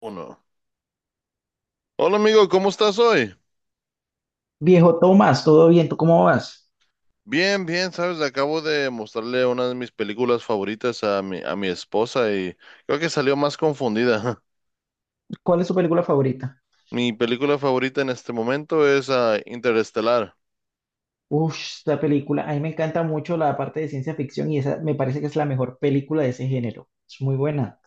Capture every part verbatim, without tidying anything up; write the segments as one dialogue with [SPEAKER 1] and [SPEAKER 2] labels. [SPEAKER 1] Uno. Hola amigo, ¿cómo estás hoy?
[SPEAKER 2] Viejo Tomás, ¿todo bien? ¿Tú cómo vas?
[SPEAKER 1] Bien, bien, sabes, acabo de mostrarle una de mis películas favoritas a mi, a mi esposa y creo que salió más confundida.
[SPEAKER 2] ¿Cuál es tu película favorita?
[SPEAKER 1] Mi película favorita en este momento es ah, Interestelar.
[SPEAKER 2] Uf, esta película, a mí me encanta mucho la parte de ciencia ficción y esa me parece que es la mejor película de ese género. Es muy buena.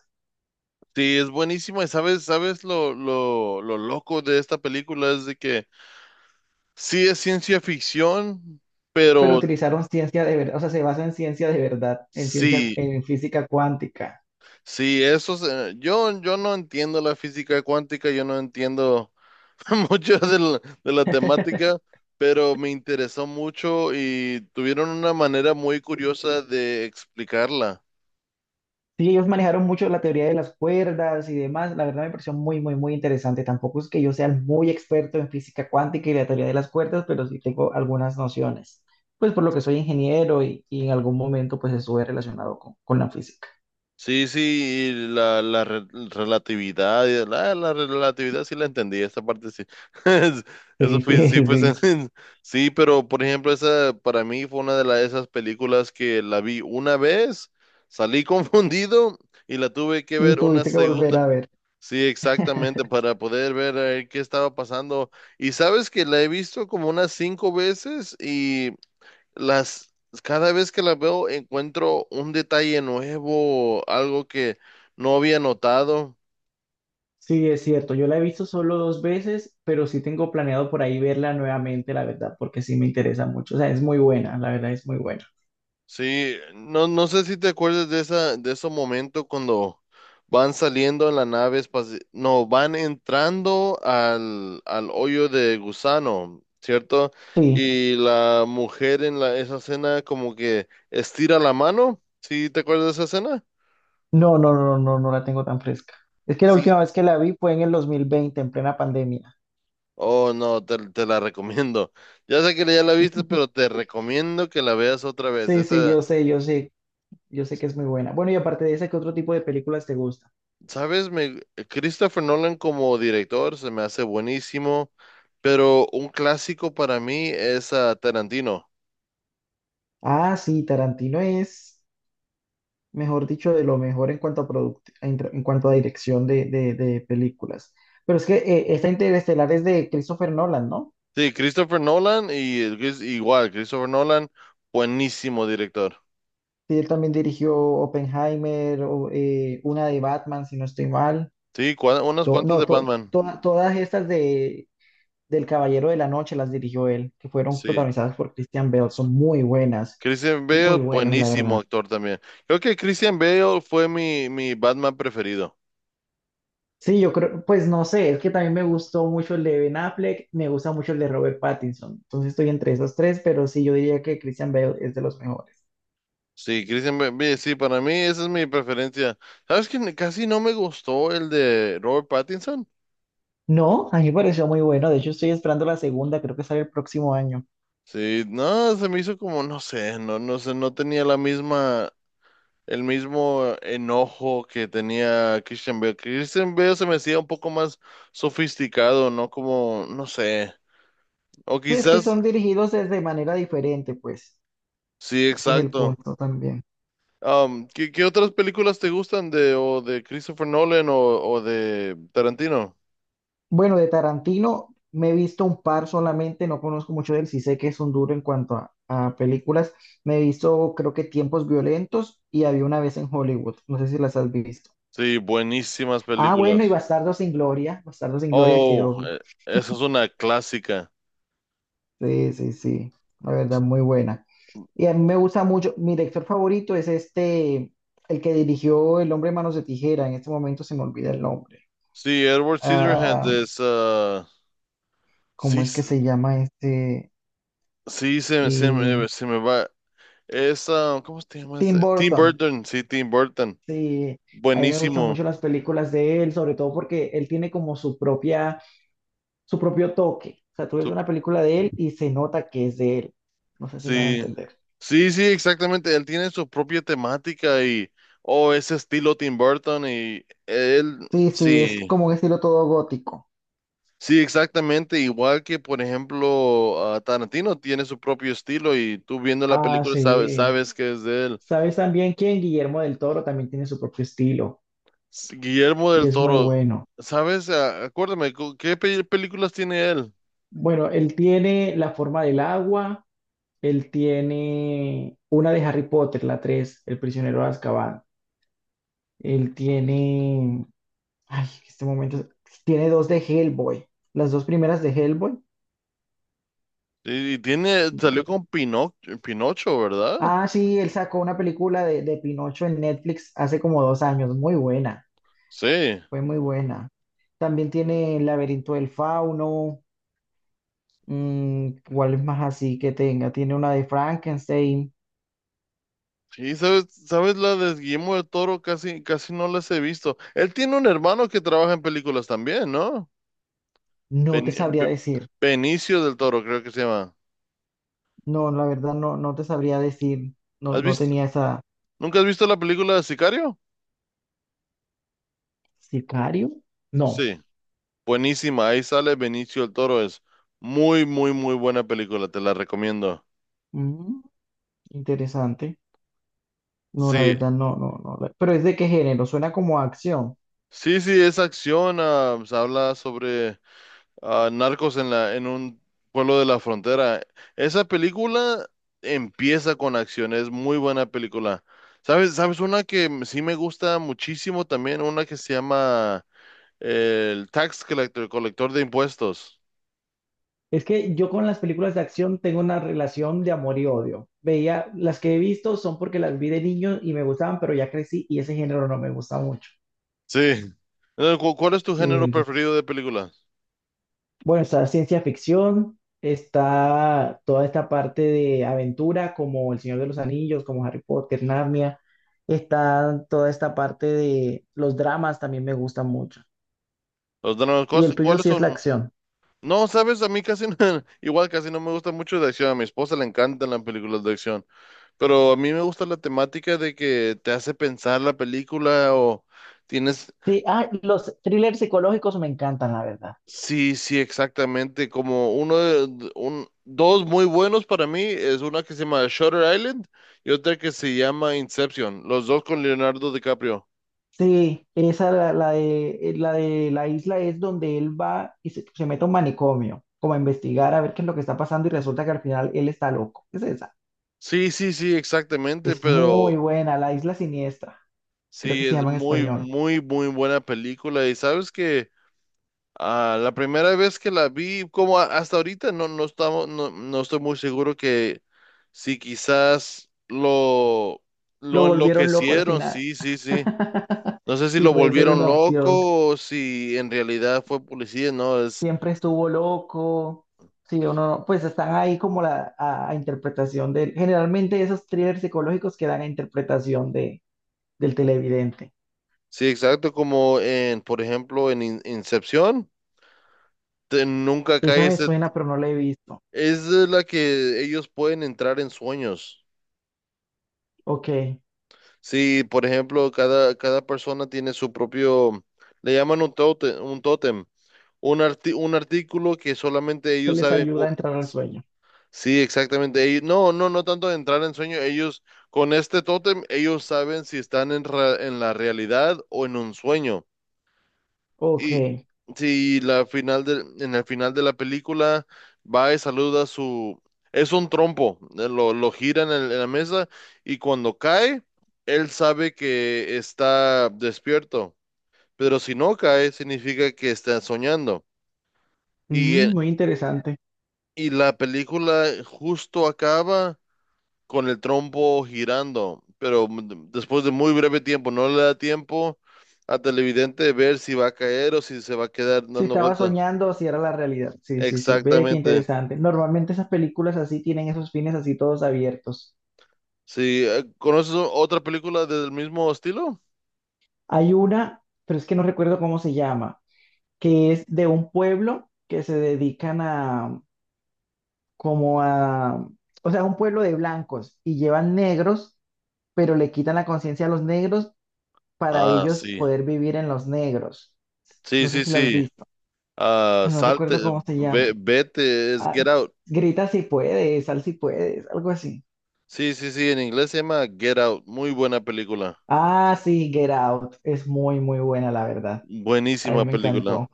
[SPEAKER 1] Sí, es buenísima y sabes, sabes lo, lo, lo loco de esta película es de que sí es ciencia ficción,
[SPEAKER 2] Pero
[SPEAKER 1] pero
[SPEAKER 2] utilizaron ciencia de verdad, o sea, se basa en ciencia de verdad, en ciencia,
[SPEAKER 1] sí,
[SPEAKER 2] en física cuántica.
[SPEAKER 1] sí, eso es, eh, yo, yo no entiendo la física cuántica, yo no entiendo mucho de la, de la temática, pero me interesó mucho y tuvieron una manera muy curiosa de explicarla.
[SPEAKER 2] Sí, ellos manejaron mucho la teoría de las cuerdas y demás. La verdad me pareció muy, muy, muy interesante. Tampoco es que yo sea muy experto en física cuántica y la teoría de las cuerdas, pero sí tengo algunas nociones. Pues por lo que soy ingeniero y, y en algún momento pues estuve relacionado con, con la física.
[SPEAKER 1] Sí, sí, y la, la re- relatividad, y la, la relatividad sí la entendí, esa parte sí. Eso
[SPEAKER 2] Sí,
[SPEAKER 1] fue, sí,
[SPEAKER 2] sí,
[SPEAKER 1] pues,
[SPEAKER 2] sí.
[SPEAKER 1] sí, pero por ejemplo, esa para mí fue una de la- esas películas que la vi una vez, salí confundido y la tuve que
[SPEAKER 2] Y
[SPEAKER 1] ver una
[SPEAKER 2] tuviste que volver
[SPEAKER 1] segunda.
[SPEAKER 2] a ver.
[SPEAKER 1] Sí, exactamente, para poder ver a qué estaba pasando. Y sabes que la he visto como unas cinco veces y las cada vez que la veo encuentro un detalle nuevo, algo que no había notado.
[SPEAKER 2] Sí, es cierto. Yo la he visto solo dos veces, pero sí tengo planeado por ahí verla nuevamente, la verdad, porque sí me interesa mucho. O sea, es muy buena, la verdad es muy buena.
[SPEAKER 1] Sí, no, no sé si te acuerdas de esa, de ese momento cuando van saliendo en la nave espacial, no, van entrando al, al hoyo de gusano, ¿cierto?
[SPEAKER 2] Sí.
[SPEAKER 1] Y la mujer en la, esa escena como que estira la mano, ¿sí te acuerdas de esa escena?
[SPEAKER 2] No, no, no, no, no la tengo tan fresca. Es que la
[SPEAKER 1] Sí.
[SPEAKER 2] última vez que la vi fue en el dos mil veinte, en plena pandemia.
[SPEAKER 1] Oh, no, te, te la recomiendo. Ya sé que ya la viste, pero te recomiendo que la veas otra vez.
[SPEAKER 2] Sí, sí, yo
[SPEAKER 1] Esa,
[SPEAKER 2] sé, yo sé, yo sé que es muy buena. Bueno, y aparte de esa, ¿qué otro tipo de películas te gusta?
[SPEAKER 1] sabes, me, Christopher Nolan como director se me hace buenísimo, pero un clásico para mí es ah, Tarantino.
[SPEAKER 2] Ah, sí, Tarantino es, mejor dicho, de lo mejor en cuanto a product- en, tra- en cuanto a dirección de, de- de películas. Pero es que eh, esta Interestelar es de Christopher Nolan, ¿no?
[SPEAKER 1] Sí, Christopher Nolan y el Chris- igual, Christopher Nolan, buenísimo director.
[SPEAKER 2] Sí, él también dirigió Oppenheimer, o, eh, una de Batman, si no estoy mal.
[SPEAKER 1] Sí, cua- unas
[SPEAKER 2] To-
[SPEAKER 1] cuantas
[SPEAKER 2] no,
[SPEAKER 1] de
[SPEAKER 2] to-
[SPEAKER 1] Batman.
[SPEAKER 2] to- todas estas de del Caballero de la Noche las dirigió él, que fueron
[SPEAKER 1] Sí.
[SPEAKER 2] protagonizadas por Christian Bale. Son muy buenas,
[SPEAKER 1] Christian
[SPEAKER 2] muy
[SPEAKER 1] Bale,
[SPEAKER 2] buenas, la
[SPEAKER 1] buenísimo
[SPEAKER 2] verdad.
[SPEAKER 1] actor también. Creo que Christian Bale fue mi, mi Batman preferido.
[SPEAKER 2] Sí, yo creo, pues no sé, es que también me gustó mucho el de Ben Affleck, me gusta mucho el de Robert Pattinson. Entonces estoy entre esos tres, pero sí, yo diría que Christian Bale es de los mejores.
[SPEAKER 1] Sí, Christian Bale, sí, para mí esa es mi preferencia. ¿Sabes que casi no me gustó el de Robert Pattinson?
[SPEAKER 2] No, a mí me pareció muy bueno. De hecho, estoy esperando la segunda, creo que sale el próximo año.
[SPEAKER 1] Sí, no, se me hizo como, no sé, no, no sé, no tenía la misma, el mismo enojo que tenía Christian Bale. Christian Bale se me hacía un poco más sofisticado, ¿no? Como, no sé, o
[SPEAKER 2] Sí, es que
[SPEAKER 1] quizás,
[SPEAKER 2] son dirigidos de de manera diferente, pues.
[SPEAKER 1] sí,
[SPEAKER 2] Ese es el
[SPEAKER 1] exacto.
[SPEAKER 2] punto también.
[SPEAKER 1] Um, ¿qué, qué otras películas te gustan de, o de Christopher Nolan o, o de Tarantino?
[SPEAKER 2] Bueno, de Tarantino me he visto un par solamente, no conozco mucho de él, sí sé que es un duro en cuanto a, a películas. Me he visto, creo que Tiempos Violentos y había una vez en Hollywood, no sé si las has visto.
[SPEAKER 1] Sí, buenísimas
[SPEAKER 2] Ah, bueno, y
[SPEAKER 1] películas.
[SPEAKER 2] Bastardo sin Gloria, Bastardo sin Gloria, que
[SPEAKER 1] Oh,
[SPEAKER 2] obvio.
[SPEAKER 1] eh, esa es una clásica.
[SPEAKER 2] Sí, sí, sí, la verdad, muy buena. Y a mí me gusta mucho, mi director favorito es este, el que dirigió El hombre de manos de tijera, en este momento se me olvida el nombre.
[SPEAKER 1] Sí, Edward Scissorhands
[SPEAKER 2] Ah,
[SPEAKER 1] es, ah,
[SPEAKER 2] ¿cómo
[SPEAKER 1] sí,
[SPEAKER 2] es que se llama este?
[SPEAKER 1] sí, se, se
[SPEAKER 2] Eh,
[SPEAKER 1] me, se me va. Es ah ¿cómo se llama? ¿Ese?
[SPEAKER 2] Tim
[SPEAKER 1] Tim
[SPEAKER 2] Burton.
[SPEAKER 1] Burton, sí, Tim Burton.
[SPEAKER 2] Sí, a mí me gustan
[SPEAKER 1] Buenísimo.
[SPEAKER 2] mucho las películas de él, sobre todo porque él tiene como su propia, su propio toque. O sea, tú ves
[SPEAKER 1] Su-
[SPEAKER 2] una película de él y se nota que es de él. No sé si me van a
[SPEAKER 1] sí,
[SPEAKER 2] entender.
[SPEAKER 1] sí, sí, exactamente. Él tiene su propia temática y, oh, ese estilo Tim Burton y él,
[SPEAKER 2] Sí, sí, es
[SPEAKER 1] sí,
[SPEAKER 2] como un estilo todo gótico.
[SPEAKER 1] sí, exactamente. Igual que, por ejemplo, ah, Tarantino tiene su propio estilo y tú viendo la
[SPEAKER 2] Ah,
[SPEAKER 1] película sabes,
[SPEAKER 2] sí.
[SPEAKER 1] sabes que es de él.
[SPEAKER 2] ¿Sabes también quién? Guillermo del Toro también tiene su propio estilo
[SPEAKER 1] S- Guillermo
[SPEAKER 2] y
[SPEAKER 1] del
[SPEAKER 2] es muy
[SPEAKER 1] Toro,
[SPEAKER 2] bueno.
[SPEAKER 1] ¿sabes? Ah, Acuérdame, ¿cu- ¿qué pe- películas tiene él?
[SPEAKER 2] Bueno, él tiene La forma del agua, él tiene una de Harry Potter, la tres, El prisionero de Azkaban. Él tiene Ay, este momento es- tiene dos de Hellboy. Las dos primeras de Hellboy.
[SPEAKER 1] Y y tiene, salió con Pinoc- Pinocho, ¿verdad?
[SPEAKER 2] Ah, sí, él sacó una película de, de Pinocho en Netflix hace como dos años. Muy buena.
[SPEAKER 1] Sí.
[SPEAKER 2] Fue muy buena. También tiene El laberinto del fauno. mm, ¿cuál es más así que tenga? Tiene una de Frankenstein.
[SPEAKER 1] Sí, ¿sabes, sabes la de Guillermo del Toro? Casi, casi no las he visto. Él tiene un hermano que trabaja en películas también, ¿no?
[SPEAKER 2] No te
[SPEAKER 1] Ben-
[SPEAKER 2] sabría
[SPEAKER 1] Be-
[SPEAKER 2] decir.
[SPEAKER 1] Benicio del Toro, creo que se llama.
[SPEAKER 2] No, la verdad no, no te sabría decir. No,
[SPEAKER 1] ¿Has
[SPEAKER 2] no
[SPEAKER 1] visto,
[SPEAKER 2] tenía esa.
[SPEAKER 1] nunca has visto la película de Sicario?
[SPEAKER 2] ¿Sicario? No.
[SPEAKER 1] Sí. Buenísima, ahí sale Benicio del Toro. Es muy, muy, muy buena película, te la recomiendo.
[SPEAKER 2] Mm, interesante. No, la
[SPEAKER 1] Sí,
[SPEAKER 2] verdad no, no, no. la- Pero ¿es de qué género? Suena como a acción.
[SPEAKER 1] sí, sí, es acción, ah, pues, habla sobre ah, Narcos en la, en un pueblo de la frontera. Esa película empieza con acción, es muy buena película. ¿Sabes? ¿Sabes una que m- sí me gusta muchísimo también? Una que se llama eh, el Tax Collector, colector de impuestos.
[SPEAKER 2] Es que yo con las películas de acción tengo una relación de amor y odio. Veía, las que he visto son porque las vi de niño y me gustaban, pero ya crecí y ese género no me gusta mucho.
[SPEAKER 1] Sí. Eh, ¿cu- ¿Cuál es tu
[SPEAKER 2] Sí,
[SPEAKER 1] género
[SPEAKER 2] entonces,
[SPEAKER 1] preferido de películas?
[SPEAKER 2] bueno, está ciencia ficción, está toda esta parte de aventura como El Señor de los Anillos, como Harry Potter, Narnia, está toda esta parte de los dramas también me gustan mucho.
[SPEAKER 1] Los dramas,
[SPEAKER 2] Y
[SPEAKER 1] ¿cuáles
[SPEAKER 2] el tuyo
[SPEAKER 1] cuáles
[SPEAKER 2] sí es
[SPEAKER 1] son?
[SPEAKER 2] la acción.
[SPEAKER 1] No, sabes, a mí casi no- igual casi no me gusta mucho de acción. A mi esposa le encantan las películas de acción. Pero a mí me gusta la temática de que te hace pensar la película o tienes,
[SPEAKER 2] Sí, ah, los thrillers psicológicos me encantan, la verdad.
[SPEAKER 1] sí, sí, exactamente, como uno de, de- un, dos muy buenos para mí, es una que se llama Shutter Island y otra que se llama Inception, los dos con Leonardo DiCaprio.
[SPEAKER 2] Sí, esa la, la de, eh, la de la isla es donde él va y se, se mete a un manicomio, como a investigar a ver qué es lo que está pasando y resulta que al final él está loco. Es esa.
[SPEAKER 1] Sí, sí, sí, exactamente,
[SPEAKER 2] Es muy
[SPEAKER 1] pero
[SPEAKER 2] buena, la isla siniestra, creo que
[SPEAKER 1] sí,
[SPEAKER 2] se
[SPEAKER 1] es
[SPEAKER 2] llama en
[SPEAKER 1] muy,
[SPEAKER 2] español.
[SPEAKER 1] muy, muy buena película y sabes que... Ah, la primera vez que la vi, como a- hasta ahorita, no, no estamos, no, no estoy muy seguro que si quizás lo,
[SPEAKER 2] Lo
[SPEAKER 1] lo
[SPEAKER 2] volvieron loco al
[SPEAKER 1] enloquecieron,
[SPEAKER 2] final.
[SPEAKER 1] sí, sí, sí. No sé si
[SPEAKER 2] Sí,
[SPEAKER 1] lo
[SPEAKER 2] puede ser
[SPEAKER 1] volvieron
[SPEAKER 2] una opción.
[SPEAKER 1] loco o si en realidad fue policía, no, es,
[SPEAKER 2] Siempre estuvo loco. Sí, o no, pues están ahí como la a, a interpretación del. Generalmente esos thrillers psicológicos quedan a interpretación de, del televidente.
[SPEAKER 1] sí, exacto, como en, por ejemplo, en In- Incepción, te- nunca cae
[SPEAKER 2] Esa me
[SPEAKER 1] ese,
[SPEAKER 2] suena, pero no la he visto.
[SPEAKER 1] es de la que ellos pueden entrar en sueños.
[SPEAKER 2] Ok, que
[SPEAKER 1] Sí, por ejemplo, cada, cada persona tiene su propio, le llaman un tótem, un tótem. Un, arti- un artículo que solamente ellos
[SPEAKER 2] les
[SPEAKER 1] saben.
[SPEAKER 2] ayuda a
[SPEAKER 1] cu-
[SPEAKER 2] entrar al sueño.
[SPEAKER 1] Sí, exactamente. Ellos, no, no, no tanto de entrar en sueño. Ellos, con este tótem, ellos saben si están en, ra- en la realidad o en un sueño.
[SPEAKER 2] Ok.
[SPEAKER 1] Y si la final del en el final de la película va y saluda a su... Es un trompo, eh, lo, lo gira en, el- en la mesa y cuando cae, él sabe que está despierto, pero si no cae, significa que está soñando. Y
[SPEAKER 2] Mm, muy interesante.
[SPEAKER 1] Y la película justo acaba con el trompo girando, pero m- después de muy breve tiempo, no le da tiempo a televidente ver si va a caer o si se va a quedar
[SPEAKER 2] Si
[SPEAKER 1] dando
[SPEAKER 2] estaba
[SPEAKER 1] vuelta.
[SPEAKER 2] soñando, si era la realidad. Sí, sí, sí, ve qué
[SPEAKER 1] Exactamente.
[SPEAKER 2] interesante. Normalmente esas películas así tienen esos fines así todos abiertos.
[SPEAKER 1] Sí, eh, ¿conoces o- otra película del mismo estilo?
[SPEAKER 2] Hay una, pero es que no recuerdo cómo se llama, que es de un pueblo que se dedican a, como a, o sea, un pueblo de blancos y llevan negros, pero le quitan la conciencia a los negros para
[SPEAKER 1] Ah,
[SPEAKER 2] ellos
[SPEAKER 1] sí.
[SPEAKER 2] poder vivir en los negros.
[SPEAKER 1] Sí,
[SPEAKER 2] No sé
[SPEAKER 1] sí,
[SPEAKER 2] si las has
[SPEAKER 1] sí.
[SPEAKER 2] visto.
[SPEAKER 1] Ah,
[SPEAKER 2] No
[SPEAKER 1] salte,
[SPEAKER 2] recuerdo cómo se
[SPEAKER 1] ve-
[SPEAKER 2] llama.
[SPEAKER 1] vete, es
[SPEAKER 2] Ah,
[SPEAKER 1] Get Out.
[SPEAKER 2] grita si puedes, sal si puedes, algo así.
[SPEAKER 1] Sí, sí, sí, en inglés se llama Get Out. Muy buena película.
[SPEAKER 2] Ah, sí, Get Out. Es muy, muy buena, la verdad. A mí
[SPEAKER 1] Buenísima
[SPEAKER 2] me
[SPEAKER 1] película.
[SPEAKER 2] encantó.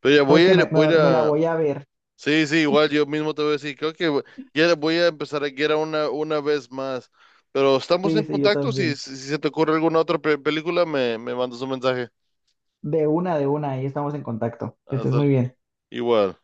[SPEAKER 1] Pero ya voy
[SPEAKER 2] ¿Sabes
[SPEAKER 1] a
[SPEAKER 2] qué?
[SPEAKER 1] ir,
[SPEAKER 2] Me,
[SPEAKER 1] voy a ir
[SPEAKER 2] me- me la
[SPEAKER 1] a-
[SPEAKER 2] voy a ver.
[SPEAKER 1] Sí, sí, igual yo mismo te voy a decir, creo que ya voy a empezar a Get Out una, una vez más, pero estamos
[SPEAKER 2] Sí,
[SPEAKER 1] en
[SPEAKER 2] sí, yo
[SPEAKER 1] contacto, si,
[SPEAKER 2] también.
[SPEAKER 1] si, si se te ocurre alguna otra pe- película, me, me mandas un mensaje.
[SPEAKER 2] De una, de una, ahí estamos en contacto. Que estés
[SPEAKER 1] Hasta-
[SPEAKER 2] muy bien.
[SPEAKER 1] igual.